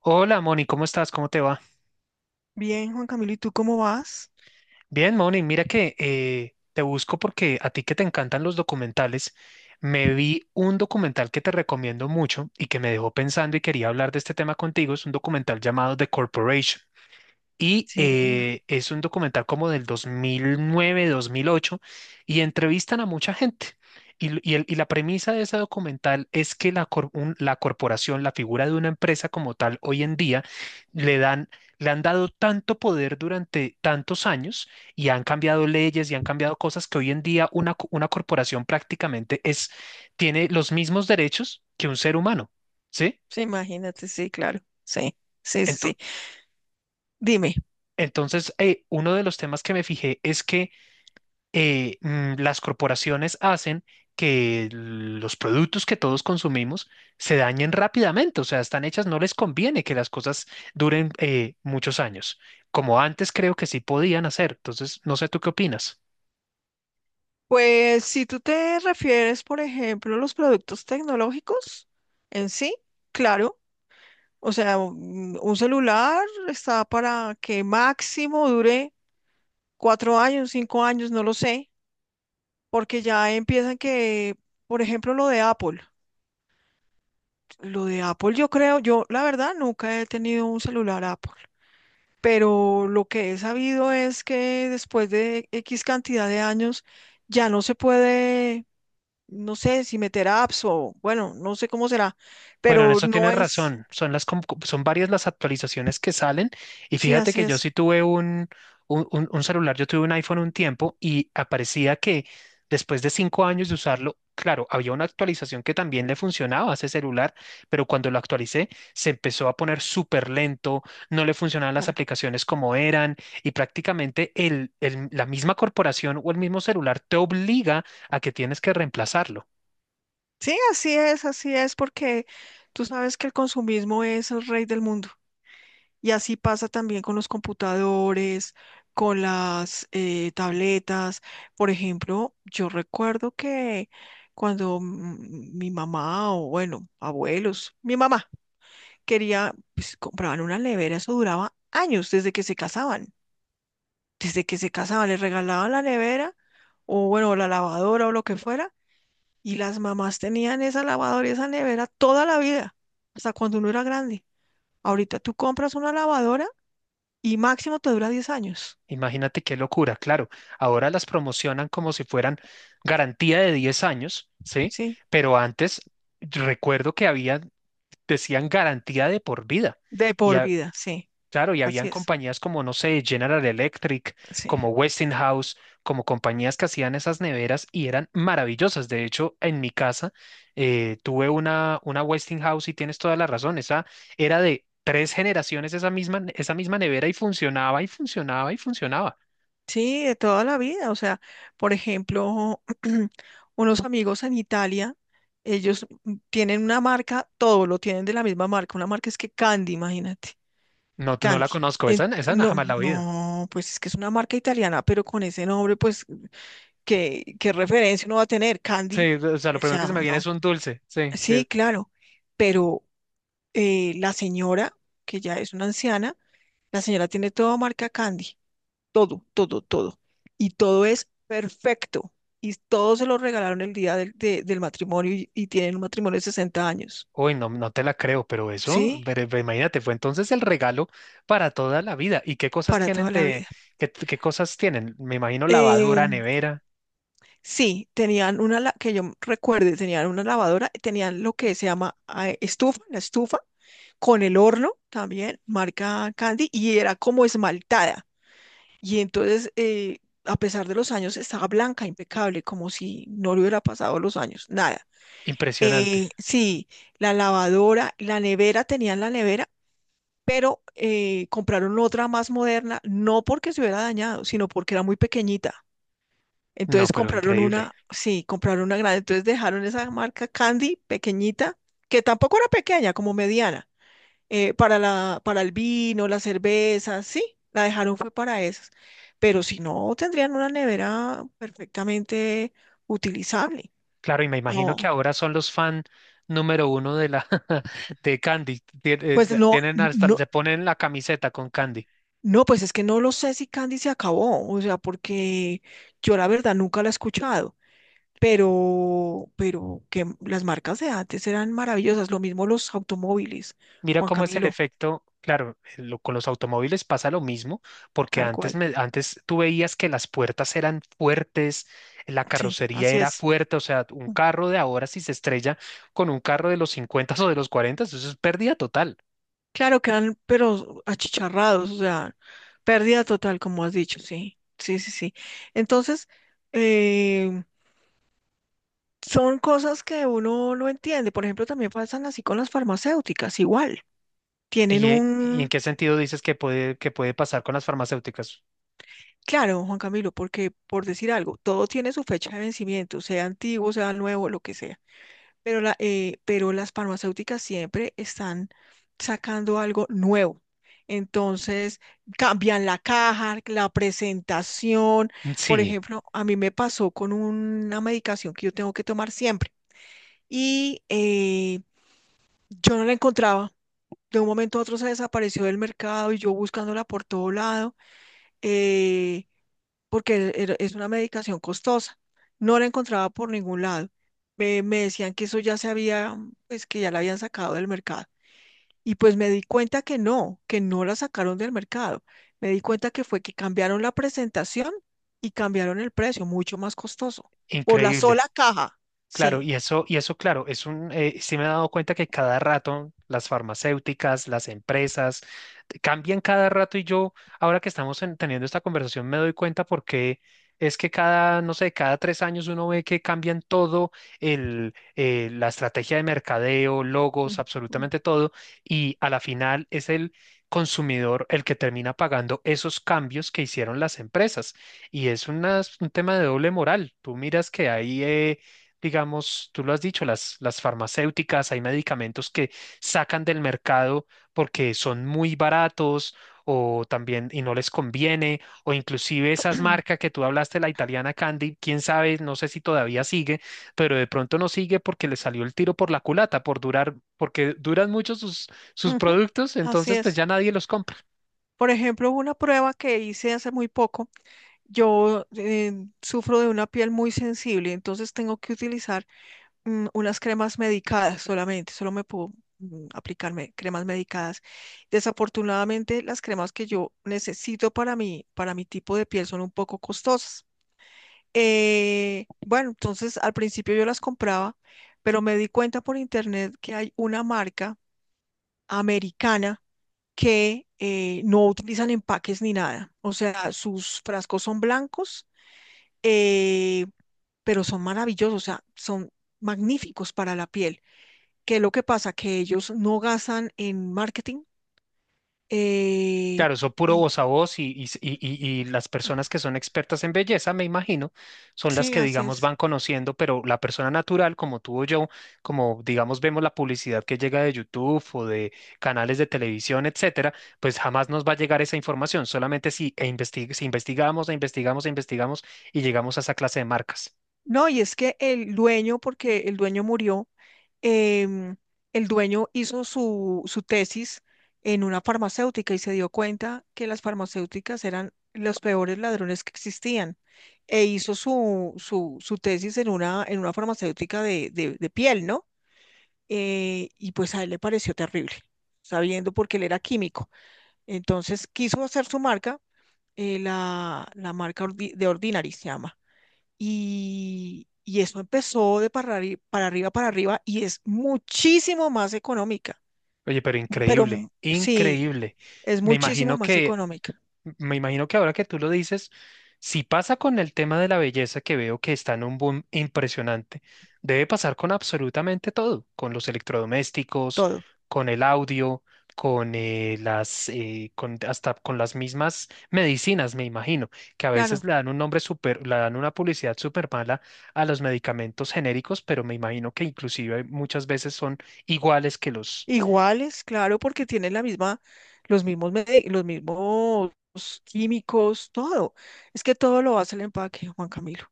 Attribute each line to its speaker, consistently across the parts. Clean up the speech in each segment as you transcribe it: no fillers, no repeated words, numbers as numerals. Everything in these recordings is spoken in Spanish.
Speaker 1: Hola Moni, ¿cómo estás? ¿Cómo te va?
Speaker 2: Bien, Juan Camilo, ¿y tú cómo vas?
Speaker 1: Bien, Moni, mira que te busco porque a ti que te encantan los documentales, me vi un documental que te recomiendo mucho y que me dejó pensando y quería hablar de este tema contigo. Es un documental llamado The Corporation. Y
Speaker 2: Sí,
Speaker 1: es un documental como del dos mil nueve dos mil ocho y entrevistan a mucha gente. Y la premisa de ese documental es que la corporación, la figura de una empresa como tal, hoy en día, le dan, le han dado tanto poder durante tantos años y han cambiado leyes y han cambiado cosas que hoy en día una corporación prácticamente es, tiene los mismos derechos que un ser humano, ¿sí?
Speaker 2: sí, imagínate, sí, claro, sí, sí, sí,
Speaker 1: Ento-
Speaker 2: sí. Dime,
Speaker 1: Entonces, uno de los temas que me fijé es que las corporaciones hacen que los productos que todos consumimos se dañen rápidamente, o sea, están hechas, no les conviene que las cosas duren muchos años, como antes creo que sí podían hacer. Entonces, no sé tú qué opinas.
Speaker 2: pues si tú te refieres, por ejemplo, a los productos tecnológicos en sí, claro, o sea, un celular está para que máximo dure 4 años, 5 años, no lo sé, porque ya empiezan que, por ejemplo, lo de Apple yo creo, yo la verdad nunca he tenido un celular Apple. Pero lo que he sabido es que después de X cantidad de años ya no se puede, no sé si meter apps o bueno, no sé cómo será,
Speaker 1: Bueno, en
Speaker 2: pero
Speaker 1: eso
Speaker 2: no
Speaker 1: tienes
Speaker 2: es.
Speaker 1: razón. Son varias las actualizaciones que salen. Y
Speaker 2: Sí,
Speaker 1: fíjate
Speaker 2: así
Speaker 1: que yo
Speaker 2: es.
Speaker 1: sí tuve un celular, yo tuve un iPhone un tiempo y aparecía que después de cinco años de usarlo, claro, había una actualización que también le funcionaba a ese celular, pero cuando lo actualicé se empezó a poner súper lento, no le funcionaban las
Speaker 2: Claro.
Speaker 1: aplicaciones como eran y prácticamente la misma corporación o el mismo celular te obliga a que tienes que reemplazarlo.
Speaker 2: Sí, así es, porque tú sabes que el consumismo es el rey del mundo. Y así pasa también con los computadores, con las tabletas. Por ejemplo, yo recuerdo que cuando mi mamá o, bueno, abuelos, mi mamá quería, pues compraban una nevera, eso duraba años desde que se casaban. Desde que se casaban, les regalaban la nevera o, bueno, la lavadora o lo que fuera. Y las mamás tenían esa lavadora y esa nevera toda la vida, hasta cuando uno era grande. Ahorita tú compras una lavadora y máximo te dura 10 años,
Speaker 1: Imagínate qué locura, claro. Ahora las promocionan como si fueran garantía de 10 años, ¿sí?
Speaker 2: ¿sí?
Speaker 1: Pero antes recuerdo que había, decían garantía de por vida.
Speaker 2: De
Speaker 1: Y
Speaker 2: por
Speaker 1: ha-
Speaker 2: vida, sí,
Speaker 1: claro, y
Speaker 2: así
Speaker 1: habían
Speaker 2: es,
Speaker 1: compañías como, no sé, General Electric,
Speaker 2: sí.
Speaker 1: como Westinghouse, como compañías que hacían esas neveras y eran maravillosas. De hecho, en mi casa tuve una Westinghouse y tienes toda la razón. Esa era de tres generaciones, esa misma nevera y funcionaba y funcionaba y funcionaba.
Speaker 2: Sí, de toda la vida, o sea, por ejemplo, unos amigos en Italia, ellos tienen una marca, todo lo tienen de la misma marca, una marca es que Candy, imagínate.
Speaker 1: No, no la
Speaker 2: Candy.
Speaker 1: conozco, esa,
Speaker 2: No,
Speaker 1: jamás la he oído.
Speaker 2: no, pues es que es una marca italiana, pero con ese nombre, pues, ¿qué referencia uno va a tener? Candy,
Speaker 1: Sí, o sea, lo
Speaker 2: o
Speaker 1: primero que
Speaker 2: sea,
Speaker 1: se me viene
Speaker 2: no.
Speaker 1: es un dulce, sí.
Speaker 2: Sí, claro, pero la señora, que ya es una anciana, la señora tiene todo marca Candy, todo, todo, todo. Y todo es perfecto. Y todo se lo regalaron el día del matrimonio y, tienen un matrimonio de 60 años,
Speaker 1: Uy, no, no te la creo, pero eso,
Speaker 2: ¿sí?
Speaker 1: pero imagínate, fue entonces el regalo para toda la vida. ¿Y qué cosas
Speaker 2: Para
Speaker 1: tienen
Speaker 2: toda la
Speaker 1: de,
Speaker 2: vida.
Speaker 1: qué, qué cosas tienen? Me imagino lavadora,
Speaker 2: Em,
Speaker 1: nevera,
Speaker 2: sí, que yo recuerde, tenían una lavadora, tenían lo que se llama estufa, la estufa, con el horno también, marca Candy, y era como esmaltada. Y entonces a pesar de los años, estaba blanca, impecable, como si no le hubiera pasado los años, nada.
Speaker 1: impresionante.
Speaker 2: Sí, la lavadora, la nevera, tenían la nevera, pero compraron otra más moderna, no porque se hubiera dañado, sino porque era muy pequeñita.
Speaker 1: No,
Speaker 2: Entonces
Speaker 1: pero
Speaker 2: compraron
Speaker 1: increíble.
Speaker 2: una, sí, compraron una grande, entonces dejaron esa marca Candy pequeñita, que tampoco era pequeña, como mediana, para el vino, la cerveza, sí, la dejaron fue para esas. Pero si no, tendrían una nevera perfectamente utilizable.
Speaker 1: Claro, y me imagino que
Speaker 2: No,
Speaker 1: ahora son los fan número uno de la de Candy.
Speaker 2: pues no,
Speaker 1: Tienen hasta,
Speaker 2: no.
Speaker 1: se ponen la camiseta con Candy.
Speaker 2: No, pues es que no lo sé si Candy se acabó, o sea, porque yo la verdad nunca la he escuchado, pero que las marcas de antes eran maravillosas, lo mismo los automóviles,
Speaker 1: Mira
Speaker 2: Juan
Speaker 1: cómo es el
Speaker 2: Camilo.
Speaker 1: efecto, claro, con los automóviles pasa lo mismo, porque
Speaker 2: Tal
Speaker 1: antes,
Speaker 2: cual.
Speaker 1: antes tú veías que las puertas eran fuertes, la
Speaker 2: Sí,
Speaker 1: carrocería
Speaker 2: así
Speaker 1: era
Speaker 2: es.
Speaker 1: fuerte, o sea, un carro de ahora si se estrella con un carro de los 50 o de los 40, eso es pérdida total.
Speaker 2: Claro, quedan, pero achicharrados, o sea, pérdida total, como has dicho, sí, sí, sí, sí. Entonces, eh, son cosas que uno no entiende, por ejemplo, también pasan así con las farmacéuticas, igual, tienen
Speaker 1: Y en
Speaker 2: un...
Speaker 1: qué sentido dices que puede pasar con las farmacéuticas?
Speaker 2: Claro, Juan Camilo, porque por decir algo, todo tiene su fecha de vencimiento, sea antiguo, sea nuevo, lo que sea. Pero las farmacéuticas siempre están sacando algo nuevo. Entonces, cambian la caja, la presentación. Por
Speaker 1: Sí,
Speaker 2: ejemplo, a mí me pasó con una medicación que yo tengo que tomar siempre y yo no la encontraba. De un momento a otro se desapareció del mercado y yo buscándola por todo lado. eh, Porque es una medicación costosa. No la encontraba por ningún lado. Me decían que eso ya se había, pues que ya la habían sacado del mercado. Y pues me di cuenta que no la sacaron del mercado. Me di cuenta que fue que cambiaron la presentación y cambiaron el precio, mucho más costoso, por la
Speaker 1: increíble.
Speaker 2: sola caja.
Speaker 1: Claro,
Speaker 2: Sí.
Speaker 1: y eso, claro, es un, sí me he dado cuenta que cada rato las farmacéuticas, las empresas, cambian cada rato y yo, ahora que teniendo esta conversación, me doy cuenta porque es que cada, no sé, cada tres años uno ve que cambian todo, la estrategia de mercadeo, logos,
Speaker 2: Ujú.
Speaker 1: absolutamente todo, y a la final es el consumidor el que termina pagando esos cambios que hicieron las empresas. Y es un tema de doble moral. Tú miras que hay... digamos, tú lo has dicho, las farmacéuticas, hay medicamentos que sacan del mercado porque son muy baratos o también y no les conviene, o inclusive esas marcas que tú hablaste, la italiana Candy, quién sabe, no sé si todavía sigue, pero de pronto no sigue porque le salió el tiro por la culata, por durar, porque duran mucho sus, sus
Speaker 2: Ujú.
Speaker 1: productos,
Speaker 2: Así
Speaker 1: entonces pues
Speaker 2: es.
Speaker 1: ya nadie los compra.
Speaker 2: Por ejemplo, una prueba que hice hace muy poco, yo sufro de una piel muy sensible, entonces tengo que utilizar unas cremas medicadas solamente, solo me puedo aplicarme cremas medicadas. Desafortunadamente, las cremas que yo necesito para mí, para mi tipo de piel son un poco costosas. Bueno, entonces al principio yo las compraba, pero me di cuenta por internet que hay una marca americana que no utilizan empaques ni nada. O sea, sus frascos son blancos, eh, pero son maravillosos, o sea, son magníficos para la piel. ¿Qué es lo que pasa? Que ellos no gastan en marketing. eh,
Speaker 1: Claro, eso puro
Speaker 2: y
Speaker 1: voz a voz y las personas que son expertas en belleza, me imagino, son las
Speaker 2: sí,
Speaker 1: que,
Speaker 2: así
Speaker 1: digamos,
Speaker 2: es.
Speaker 1: van conociendo, pero la persona natural, como tú o yo, como, digamos, vemos la publicidad que llega de YouTube o de canales de televisión, etcétera, pues jamás nos va a llegar esa información, solamente si investigamos, e investigamos, e investigamos y llegamos a esa clase de marcas.
Speaker 2: No, y es que el dueño, porque el dueño murió, em, el dueño hizo su tesis en una farmacéutica y se dio cuenta que las farmacéuticas eran los peores ladrones que existían. E hizo su tesis en una, farmacéutica de piel, ¿no? Y pues a él le pareció terrible, sabiendo porque él era químico. Entonces quiso hacer su marca, la marca de Ordinary se llama. Y eso empezó para arriba, y es muchísimo más económica.
Speaker 1: Oye, pero increíble,
Speaker 2: Sí,
Speaker 1: increíble.
Speaker 2: es
Speaker 1: Me
Speaker 2: muchísimo
Speaker 1: imagino
Speaker 2: más
Speaker 1: que
Speaker 2: económica,
Speaker 1: Me imagino que ahora que tú lo dices, si pasa con el tema de la belleza que veo que está en un boom impresionante, debe pasar con absolutamente todo, con los electrodomésticos,
Speaker 2: todo.
Speaker 1: con el audio, con con, hasta con las mismas medicinas, me imagino, que a veces
Speaker 2: Claro,
Speaker 1: le dan un nombre súper, le dan una publicidad súper mala a los medicamentos genéricos, pero me imagino que inclusive muchas veces son iguales.
Speaker 2: iguales, claro, porque tienen la misma, los mismos químicos, todo. Es que todo lo hace el empaque, Juan Camilo.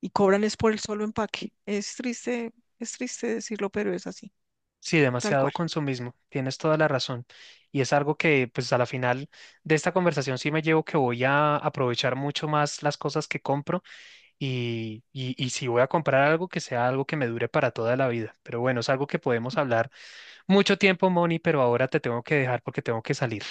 Speaker 2: Y cobran es por el solo empaque. Es triste decirlo, pero es así.
Speaker 1: Sí,
Speaker 2: Tal
Speaker 1: demasiado
Speaker 2: cual.
Speaker 1: consumismo, tienes toda la razón. Y es algo que, pues a la final de esta conversación sí me llevo que voy a aprovechar mucho más las cosas que compro y si voy a comprar algo que sea algo que me dure para toda la vida. Pero bueno, es algo que podemos hablar mucho tiempo, Moni, pero ahora te tengo que dejar porque tengo que salir.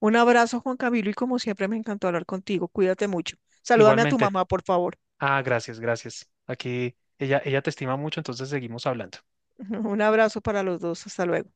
Speaker 2: Un abrazo, Juan Camilo, y como siempre me encantó hablar contigo. Cuídate mucho. Salúdame a tu
Speaker 1: Igualmente.
Speaker 2: mamá, por favor.
Speaker 1: Ah, gracias, gracias. Aquí ella te estima mucho, entonces seguimos hablando.
Speaker 2: Un abrazo para los dos. Hasta luego.